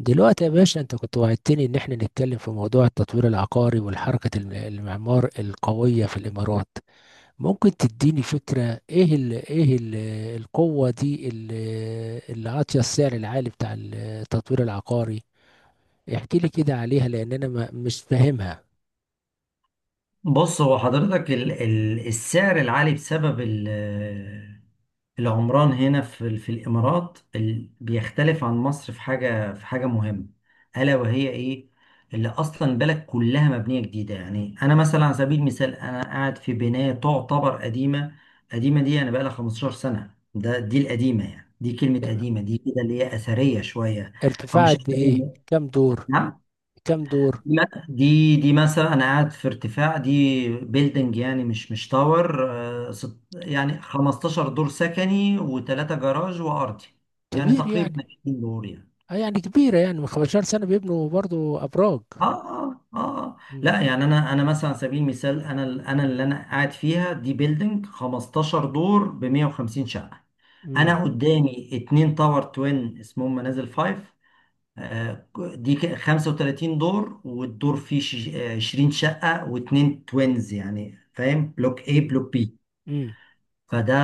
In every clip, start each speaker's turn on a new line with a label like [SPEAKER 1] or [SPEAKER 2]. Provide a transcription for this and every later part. [SPEAKER 1] دلوقتي يا باشا، انت كنت وعدتني ان احنا نتكلم في موضوع التطوير العقاري والحركة المعمار القوية في الامارات. ممكن تديني فكرة، ايه ال القوة دي، اللي عاطية السعر العالي بتاع التطوير العقاري. احكي لي كده عليها، لان انا ما مش فاهمها.
[SPEAKER 2] بص، هو حضرتك ال ال السعر العالي بسبب العمران هنا في الإمارات بيختلف عن مصر في حاجة مهمة. ألا وهي إيه؟ اللي أصلا البلد كلها مبنية جديدة، يعني أنا مثلا على سبيل المثال أنا قاعد في بناية تعتبر قديمة. قديمة دي أنا بقالها 15 سنة، ده دي القديمة، يعني دي كلمة
[SPEAKER 1] تمام.
[SPEAKER 2] قديمة دي كده اللي هي أثرية شوية، أو
[SPEAKER 1] ارتفاع
[SPEAKER 2] مش
[SPEAKER 1] قد ايه،
[SPEAKER 2] أثرية.
[SPEAKER 1] كام دور؟
[SPEAKER 2] نعم.
[SPEAKER 1] كام دور؟
[SPEAKER 2] لا، دي مثلا انا قاعد في ارتفاع، دي بيلدنج يعني مش تاور. يعني 15 دور سكني وثلاثة جراج وارضي، يعني
[SPEAKER 1] كبير
[SPEAKER 2] تقريبا
[SPEAKER 1] يعني.
[SPEAKER 2] 20 دور يعني.
[SPEAKER 1] اه يعني كبيرة، يعني من 15 سنة بيبنوا برضو ابراج.
[SPEAKER 2] اه، اه، اه. آه.
[SPEAKER 1] امم
[SPEAKER 2] لا يعني، انا مثلا على سبيل المثال، انا اللي انا قاعد فيها دي بيلدنج 15 دور ب 150 شقة.
[SPEAKER 1] امم
[SPEAKER 2] انا قدامي اتنين تاور توين اسمهم منازل فايف. آه، دي 35 دور، والدور فيه 20 شقة، واتنين توينز يعني، فاهم، بلوك A بلوك بي.
[SPEAKER 1] امم
[SPEAKER 2] فده،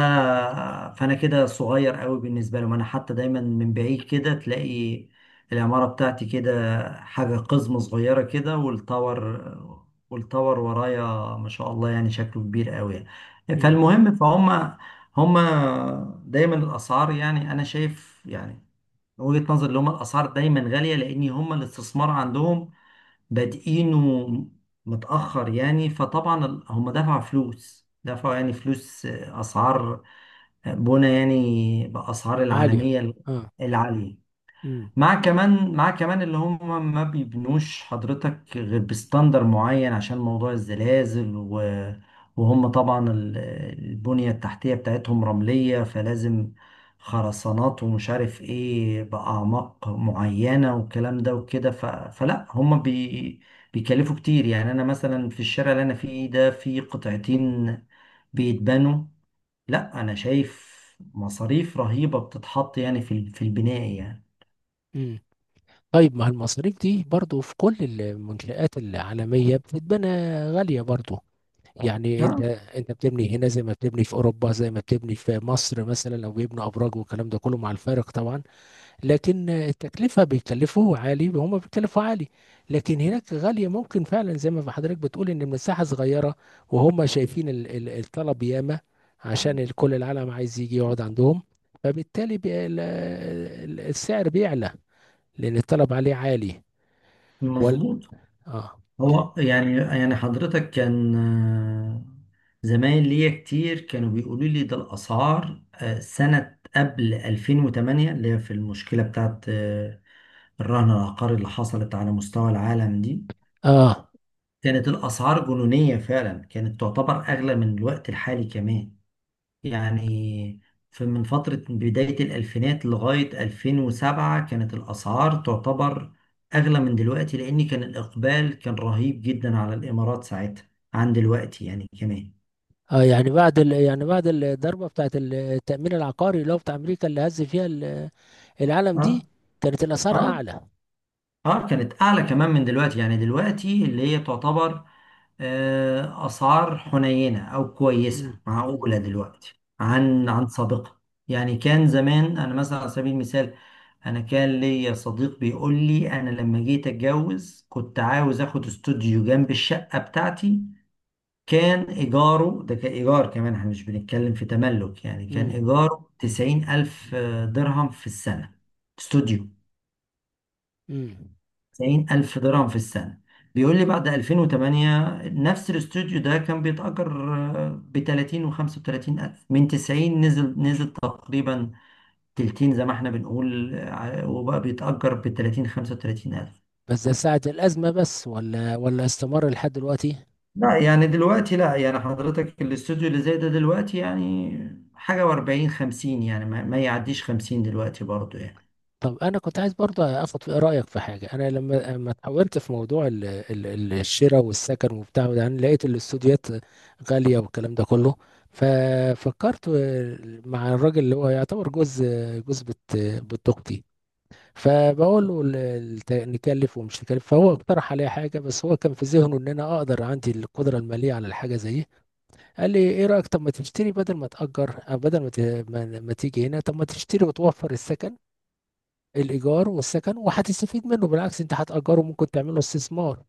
[SPEAKER 2] فأنا كده صغير قوي بالنسبة لهم. أنا حتى دايما من بعيد كده تلاقي العمارة بتاعتي كده حاجة قزمة صغيرة كده، والتاور ورايا ما شاء الله، يعني شكله كبير قوي يعني.
[SPEAKER 1] امم
[SPEAKER 2] فالمهم، فهم هم دايما الأسعار، يعني أنا شايف يعني من وجهة نظر اللي هم، الاسعار دايما غاليه لان هم الاستثمار عندهم بادئينه متاخر. يعني فطبعا هم دفعوا فلوس، دفعوا يعني فلوس، اسعار بنا يعني باسعار
[SPEAKER 1] عالية.
[SPEAKER 2] العالميه
[SPEAKER 1] اه.
[SPEAKER 2] العاليه.
[SPEAKER 1] امم
[SPEAKER 2] مع كمان اللي هم ما بيبنوش حضرتك غير بستاندر معين عشان موضوع الزلازل و... وهم طبعا البنية التحتية بتاعتهم رملية، فلازم خرسانات ومش عارف ايه بأعماق معينة، والكلام ده وكده. ف... فلا هم بي... بيكلفوا كتير. يعني انا مثلا في الشارع اللي انا فيه ده في قطعتين بيتبنوا، لا انا شايف مصاريف رهيبة بتتحط يعني في البناء.
[SPEAKER 1] امم طيب، ما المصاريف دي برضو في كل المنشآت العالمية بتتبنى غالية برضو. يعني انت
[SPEAKER 2] يعني
[SPEAKER 1] انت بتبني هنا زي ما بتبني في اوروبا، زي ما بتبني في مصر، مثلا لو بيبنوا ابراج والكلام ده كله، مع الفارق طبعا. لكن التكلفة بيكلفوه عالي، هم بيكلفوا عالي. لكن هناك غالية ممكن فعلا، زي ما حضرتك بتقول، ان المساحة صغيرة وهم شايفين الطلب ياما، عشان كل العالم عايز يجي يقعد عندهم. فبالتالي السعر بيعلى، لأن الطلب عليه عالي. ولا؟
[SPEAKER 2] مظبوط.
[SPEAKER 1] اه.
[SPEAKER 2] هو يعني حضرتك كان، زمايل ليا كتير كانوا بيقولوا لي، ده الأسعار سنة قبل 2008، اللي هي في المشكلة بتاعت الرهن العقاري اللي حصلت على مستوى العالم دي،
[SPEAKER 1] اه.
[SPEAKER 2] كانت الأسعار جنونية فعلا، كانت تعتبر أغلى من الوقت الحالي كمان يعني. في من فترة بداية الألفينات لغاية 2007 كانت الأسعار تعتبر أغلى من دلوقتي، لأن كان الإقبال كان رهيب جدا على الإمارات ساعتها عن دلوقتي يعني كمان.
[SPEAKER 1] اه يعني بعد الضربة بتاعت التأمين العقاري اللي هو بتاع أمريكا، اللي هز فيها العالم
[SPEAKER 2] اه،
[SPEAKER 1] دي، كانت الأسعار
[SPEAKER 2] اه.
[SPEAKER 1] أعلى.
[SPEAKER 2] اه، كانت أعلى كمان من دلوقتي يعني. دلوقتي اللي هي تعتبر أسعار حنينة أو
[SPEAKER 1] مم.
[SPEAKER 2] كويسة
[SPEAKER 1] مم.
[SPEAKER 2] معقولة دلوقتي
[SPEAKER 1] مم.
[SPEAKER 2] عن عن سابقة. يعني كان زمان، أنا مثلا على سبيل المثال، أنا كان ليا صديق بيقول لي، أنا لما جيت أتجوز كنت عاوز آخد استوديو جنب الشقة بتاعتي، كان إيجاره، ده كان إيجار كمان إحنا مش بنتكلم في تملك، يعني كان
[SPEAKER 1] مم.
[SPEAKER 2] إيجاره تسعين ألف درهم في السنة، استوديو.
[SPEAKER 1] مم.
[SPEAKER 2] 90 ألف درهم في السنة. بيقول لي بعد 2008 نفس الاستوديو ده كان بيتأجر آه، ب 30 و 35 ألف. من 90 نزل تقريبا تلتين، زي ما احنا بنقول، وبقى بيتأجر ب 30 35 ألف.
[SPEAKER 1] بس ده ساعة الأزمة بس، ولا استمر لحد دلوقتي؟
[SPEAKER 2] لا يعني دلوقتي، لا يعني حضرتك الاستوديو اللي زي ده دلوقتي يعني حاجة و40 50، يعني ما يعديش 50 دلوقتي برضو يعني.
[SPEAKER 1] طب انا كنت عايز برضه اخد رايك في حاجه. انا لما اتحولت في موضوع الشراء والسكن وبتاع وده، انا لقيت الاستوديوهات غاليه والكلام ده كله. ففكرت مع الراجل اللي هو يعتبر جوز بت اختي. فبقول له نكلف ومش نكلف. فهو اقترح عليا حاجه، بس هو كان في ذهنه ان انا اقدر، عندي القدره الماليه على الحاجه زي دي. قال لي ايه رايك، طب ما تشتري بدل ما تاجر، أو بدل ما تيجي هنا، طب ما تشتري وتوفر السكن، الايجار والسكن، وهتستفيد منه. بالعكس انت هتاجره، ممكن تعمله استثمار.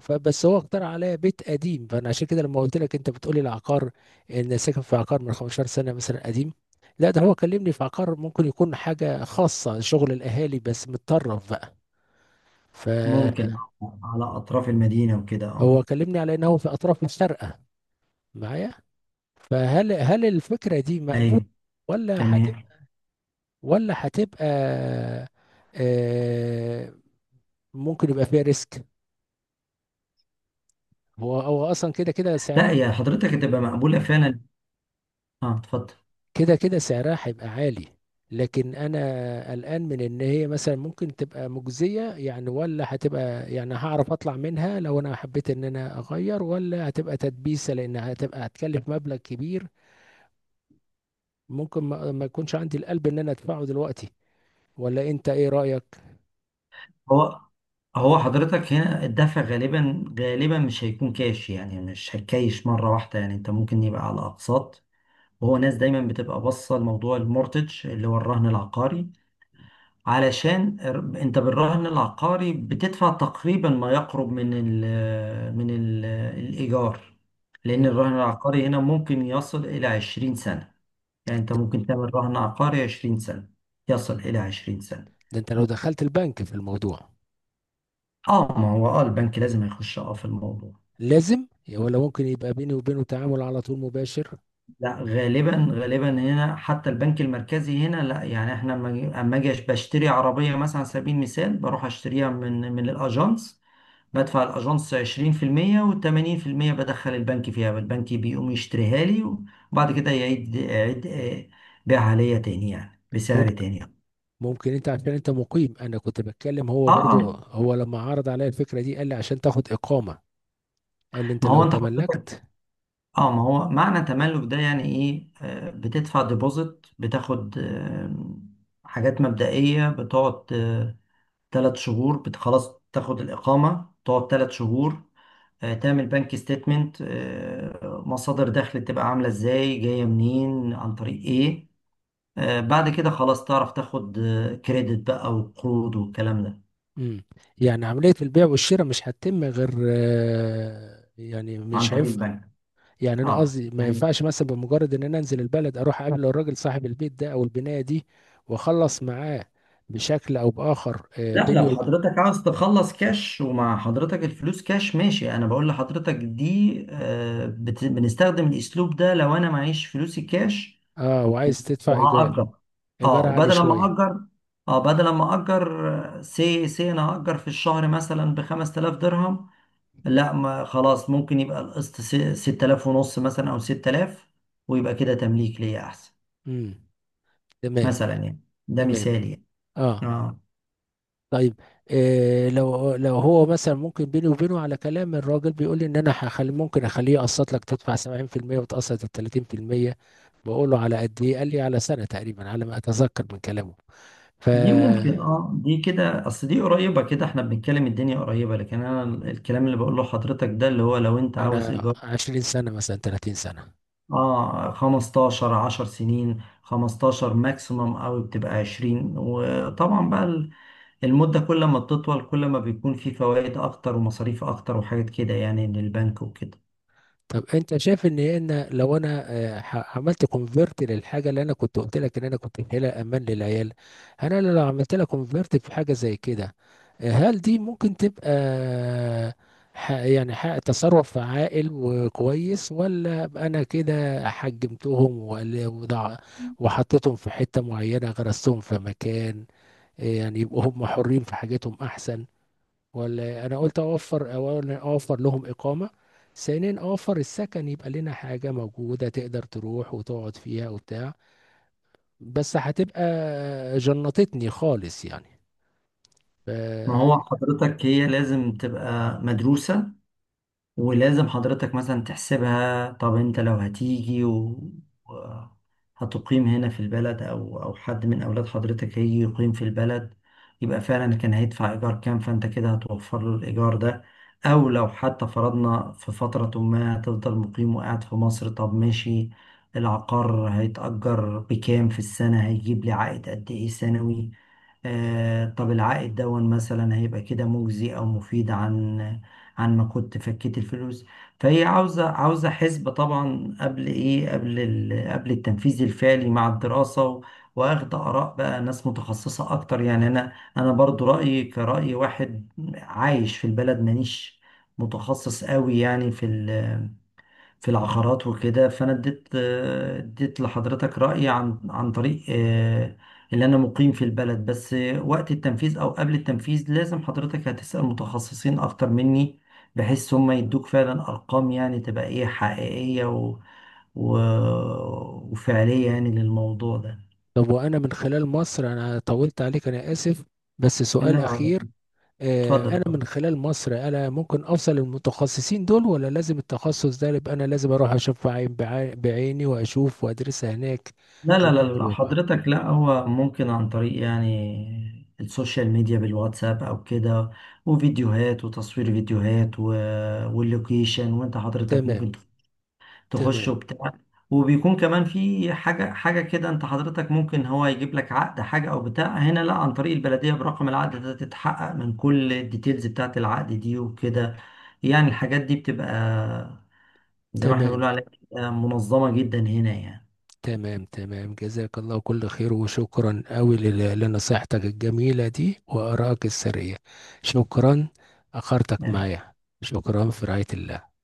[SPEAKER 1] فبس هو اقترح عليا بيت قديم. فانا عشان كده لما قلت لك انت بتقولي العقار، ان ساكن في عقار من 15 سنه مثلا، قديم. لا، ده هو كلمني في عقار ممكن يكون حاجه خاصه، شغل الاهالي بس، متطرف بقى. فهو
[SPEAKER 2] ممكن على أطراف المدينة وكده، اه.
[SPEAKER 1] كلمني على انه في اطراف الشارقه، معايا. فهل الفكره دي مقبوله،
[SPEAKER 2] أيوه.
[SPEAKER 1] ولا
[SPEAKER 2] تمام.
[SPEAKER 1] هتبقى، ولا هتبقى، آه، ممكن يبقى فيها ريسك؟ هو اصلا كده كده سعرها.
[SPEAKER 2] لا يا حضرتك، هتبقى مقبولة فعلا. اه، اتفضل.
[SPEAKER 1] كده كده سعرها هيبقى عالي، لكن انا قلقان من ان هي مثلا ممكن تبقى مجزية يعني، ولا هتبقى يعني، هعرف اطلع منها لو انا حبيت ان انا اغير، ولا هتبقى تدبيسة، لانها هتبقى هتكلف مبلغ كبير ممكن ما يكونش عندي القلب ان انا ادفعه دلوقتي. ولا انت ايه رأيك؟
[SPEAKER 2] هو هو حضرتك هنا الدفع غالبا مش هيكون كاش، يعني مش هتكايش مرة واحدة، يعني انت ممكن يبقى على اقساط. وهو ناس دايما بتبقى باصة لموضوع المورتج اللي هو الرهن العقاري. علشان انت بالرهن العقاري بتدفع تقريبا ما يقرب من ال الايجار لان
[SPEAKER 1] مم.
[SPEAKER 2] الرهن العقاري هنا ممكن يصل الى 20 سنة. يعني انت
[SPEAKER 1] ده
[SPEAKER 2] ممكن تعمل رهن عقاري 20 سنة، يصل الى 20 سنة.
[SPEAKER 1] ده انت لو دخلت البنك في الموضوع
[SPEAKER 2] اه، ما هو اه البنك لازم يخش اه في الموضوع.
[SPEAKER 1] لازم؟ ولا ممكن يبقى بيني وبينه تعامل على طول مباشر؟
[SPEAKER 2] لا، غالبا هنا حتى البنك المركزي هنا، لا يعني احنا لما أما اجي بشتري عربيه مثلا على سبيل المثال، بروح اشتريها من الاجانس، بدفع الاجانس 20% و80%، بدخل البنك فيها، البنك بيقوم يشتريها لي، وبعد كده يعيد بيعها ليا تاني يعني بسعر تاني.
[SPEAKER 1] ممكن انت عشان انت مقيم. انا كنت بتكلم هو
[SPEAKER 2] اه، اه.
[SPEAKER 1] برضو. هو لما عرض عليا الفكره دي قال لي عشان تاخد اقامه. قال لي انت
[SPEAKER 2] ما هو
[SPEAKER 1] لو
[SPEAKER 2] انت حضرتك،
[SPEAKER 1] تملكت.
[SPEAKER 2] اه ما هو معنى تملك ده يعني ايه، بتدفع ديبوزيت، بتاخد حاجات مبدئية، بتقعد ثلاث شهور، خلاص تاخد الإقامة، تقعد ثلاث شهور، تعمل بنك ستيتمنت، مصادر دخل تبقى عاملة ازاي، جاية منين، عن طريق ايه، بعد كده خلاص تعرف تاخد كريدت بقى وقروض والكلام ده
[SPEAKER 1] امم. يعني عمليه البيع والشراء مش هتتم غير، يعني
[SPEAKER 2] عن
[SPEAKER 1] مش
[SPEAKER 2] طريق
[SPEAKER 1] هينفع؟
[SPEAKER 2] البنك.
[SPEAKER 1] يعني انا
[SPEAKER 2] اه
[SPEAKER 1] قصدي ما
[SPEAKER 2] يعني،
[SPEAKER 1] ينفعش، مثلا بمجرد ان انا انزل البلد، اروح اقابل الراجل صاحب البيت ده او البنايه دي واخلص معاه بشكل او باخر،
[SPEAKER 2] لا لو
[SPEAKER 1] بيني وب...
[SPEAKER 2] حضرتك عاوز تخلص كاش ومع حضرتك الفلوس كاش، ماشي، انا بقول لحضرتك دي بنستخدم الاسلوب ده لو انا معيش فلوسي كاش،
[SPEAKER 1] اه، وعايز تدفع ايجار.
[SPEAKER 2] وهأجر.
[SPEAKER 1] ايجار
[SPEAKER 2] اه
[SPEAKER 1] عالي
[SPEAKER 2] وبدل ما
[SPEAKER 1] شويه.
[SPEAKER 2] اجر، اه بدل ما اجر، سي سي انا هأجر في الشهر مثلا ب 5000 درهم، لا ما خلاص، ممكن يبقى القسط 6000 ونص مثلا او 6000، ويبقى كده تمليك ليا احسن
[SPEAKER 1] امم. تمام.
[SPEAKER 2] مثلا يعني. ده
[SPEAKER 1] تمام.
[SPEAKER 2] مثالي يعني.
[SPEAKER 1] اه.
[SPEAKER 2] اه.
[SPEAKER 1] طيب، إيه لو هو مثلا ممكن بيني وبينه على كلام، الراجل بيقول لي ان انا هخلي، ممكن اخليه يقسط لك، تدفع 70% وتقسط ال 30%. بقول له على قد ايه، قال لي على سنه تقريبا، على ما اتذكر من كلامه. ف
[SPEAKER 2] دي ممكن، اه دي كده اصل دي قريبة كده، احنا بنتكلم الدنيا قريبة، لكن انا الكلام اللي بقوله لحضرتك ده اللي هو لو انت عاوز
[SPEAKER 1] على
[SPEAKER 2] ايجار،
[SPEAKER 1] 20 سنه مثلا، 30 سنه.
[SPEAKER 2] اه 15 10 سنين، 15 ماكسيمم، او بتبقى 20. وطبعا بقى المدة كل ما بتطول كل ما بيكون في فوائد اكتر ومصاريف اكتر وحاجات كده يعني من البنك وكده.
[SPEAKER 1] طب انت شايف ان انا لو انا عملت كونفيرت للحاجه اللي انا كنت قلت لك ان انا كنت شايلها امان للعيال، انا لو عملت لها كونفيرت في حاجه زي كده، هل دي ممكن تبقى تصرف عاقل وكويس؟ ولا أبقى انا كده حجمتهم، وحطيتهم في حته معينه، غرستهم في مكان، يعني يبقوا هم حرين في حاجتهم احسن؟ ولا انا قلت اوفر، اولا اوفر لهم اقامه، ثانيا اوفر السكن، يبقى لنا حاجه موجوده تقدر تروح وتقعد فيها وبتاع؟ بس هتبقى جنطتني خالص يعني. ف...
[SPEAKER 2] ما هو حضرتك، هي لازم تبقى مدروسة، ولازم حضرتك مثلا تحسبها. طب انت لو هتيجي و- هتقيم هنا في البلد، او او حد من اولاد حضرتك هيجي يقيم في البلد، يبقى فعلا كان هيدفع ايجار كام، فانت كده هتوفر له الايجار ده. او لو حتى فرضنا في فترة ما هتفضل مقيم وقاعد في مصر، طب ماشي، العقار هيتأجر بكام في السنة، هيجيب لي عائد قد ايه سنوي، طب العائد دون مثلا هيبقى كده مجزي او مفيد عن عن ما كنت فكيت الفلوس. فهي عاوزه حسبه طبعا قبل ايه، قبل التنفيذ الفعلي، مع الدراسه و... واخد اراء بقى ناس متخصصه اكتر. يعني انا برضو رايي كراي واحد عايش في البلد، مانيش متخصص قوي يعني في العقارات وكده. فانا اديت اديت لحضرتك رأيي عن عن طريق اللي انا مقيم في البلد. بس وقت التنفيذ او قبل التنفيذ لازم حضرتك هتسأل متخصصين اكتر مني، بحيث هم يدوك فعلا ارقام يعني تبقى ايه حقيقية و... و... وفعلية يعني للموضوع ده.
[SPEAKER 1] طب وانا من خلال مصر، انا طولت عليك، انا اسف، بس سؤال
[SPEAKER 2] لا،
[SPEAKER 1] اخير. انا
[SPEAKER 2] اتفضل.
[SPEAKER 1] من خلال مصر انا ممكن اوصل المتخصصين دول، ولا لازم التخصص ده يبقى انا لازم اروح اشوف عين بعيني واشوف وادرسها هناك،
[SPEAKER 2] لا لا
[SPEAKER 1] على
[SPEAKER 2] لا
[SPEAKER 1] ارض
[SPEAKER 2] لا،
[SPEAKER 1] الواقع؟
[SPEAKER 2] حضرتك لا، هو ممكن عن طريق يعني السوشيال ميديا بالواتساب او كده، وفيديوهات، وتصوير فيديوهات و... واللوكيشن، وانت حضرتك
[SPEAKER 1] تمام.
[SPEAKER 2] ممكن تخش
[SPEAKER 1] تمام.
[SPEAKER 2] وبتاع. وبيكون كمان في حاجة كده، انت حضرتك ممكن هو يجيب لك عقد حاجة او بتاع هنا، لا عن طريق البلدية برقم العقد ده تتحقق من كل الديتيلز بتاعت العقد دي وكده، يعني الحاجات دي بتبقى زي ما احنا بنقول
[SPEAKER 1] تمام.
[SPEAKER 2] عليها منظمة جدا هنا يعني.
[SPEAKER 1] تمام. تمام. جزاك الله كل خير، وشكرا أوي لنصيحتك الجميلة دي وآرائك السرية. شكرا. أخرتك معايا. شكرا. في رعاية الله.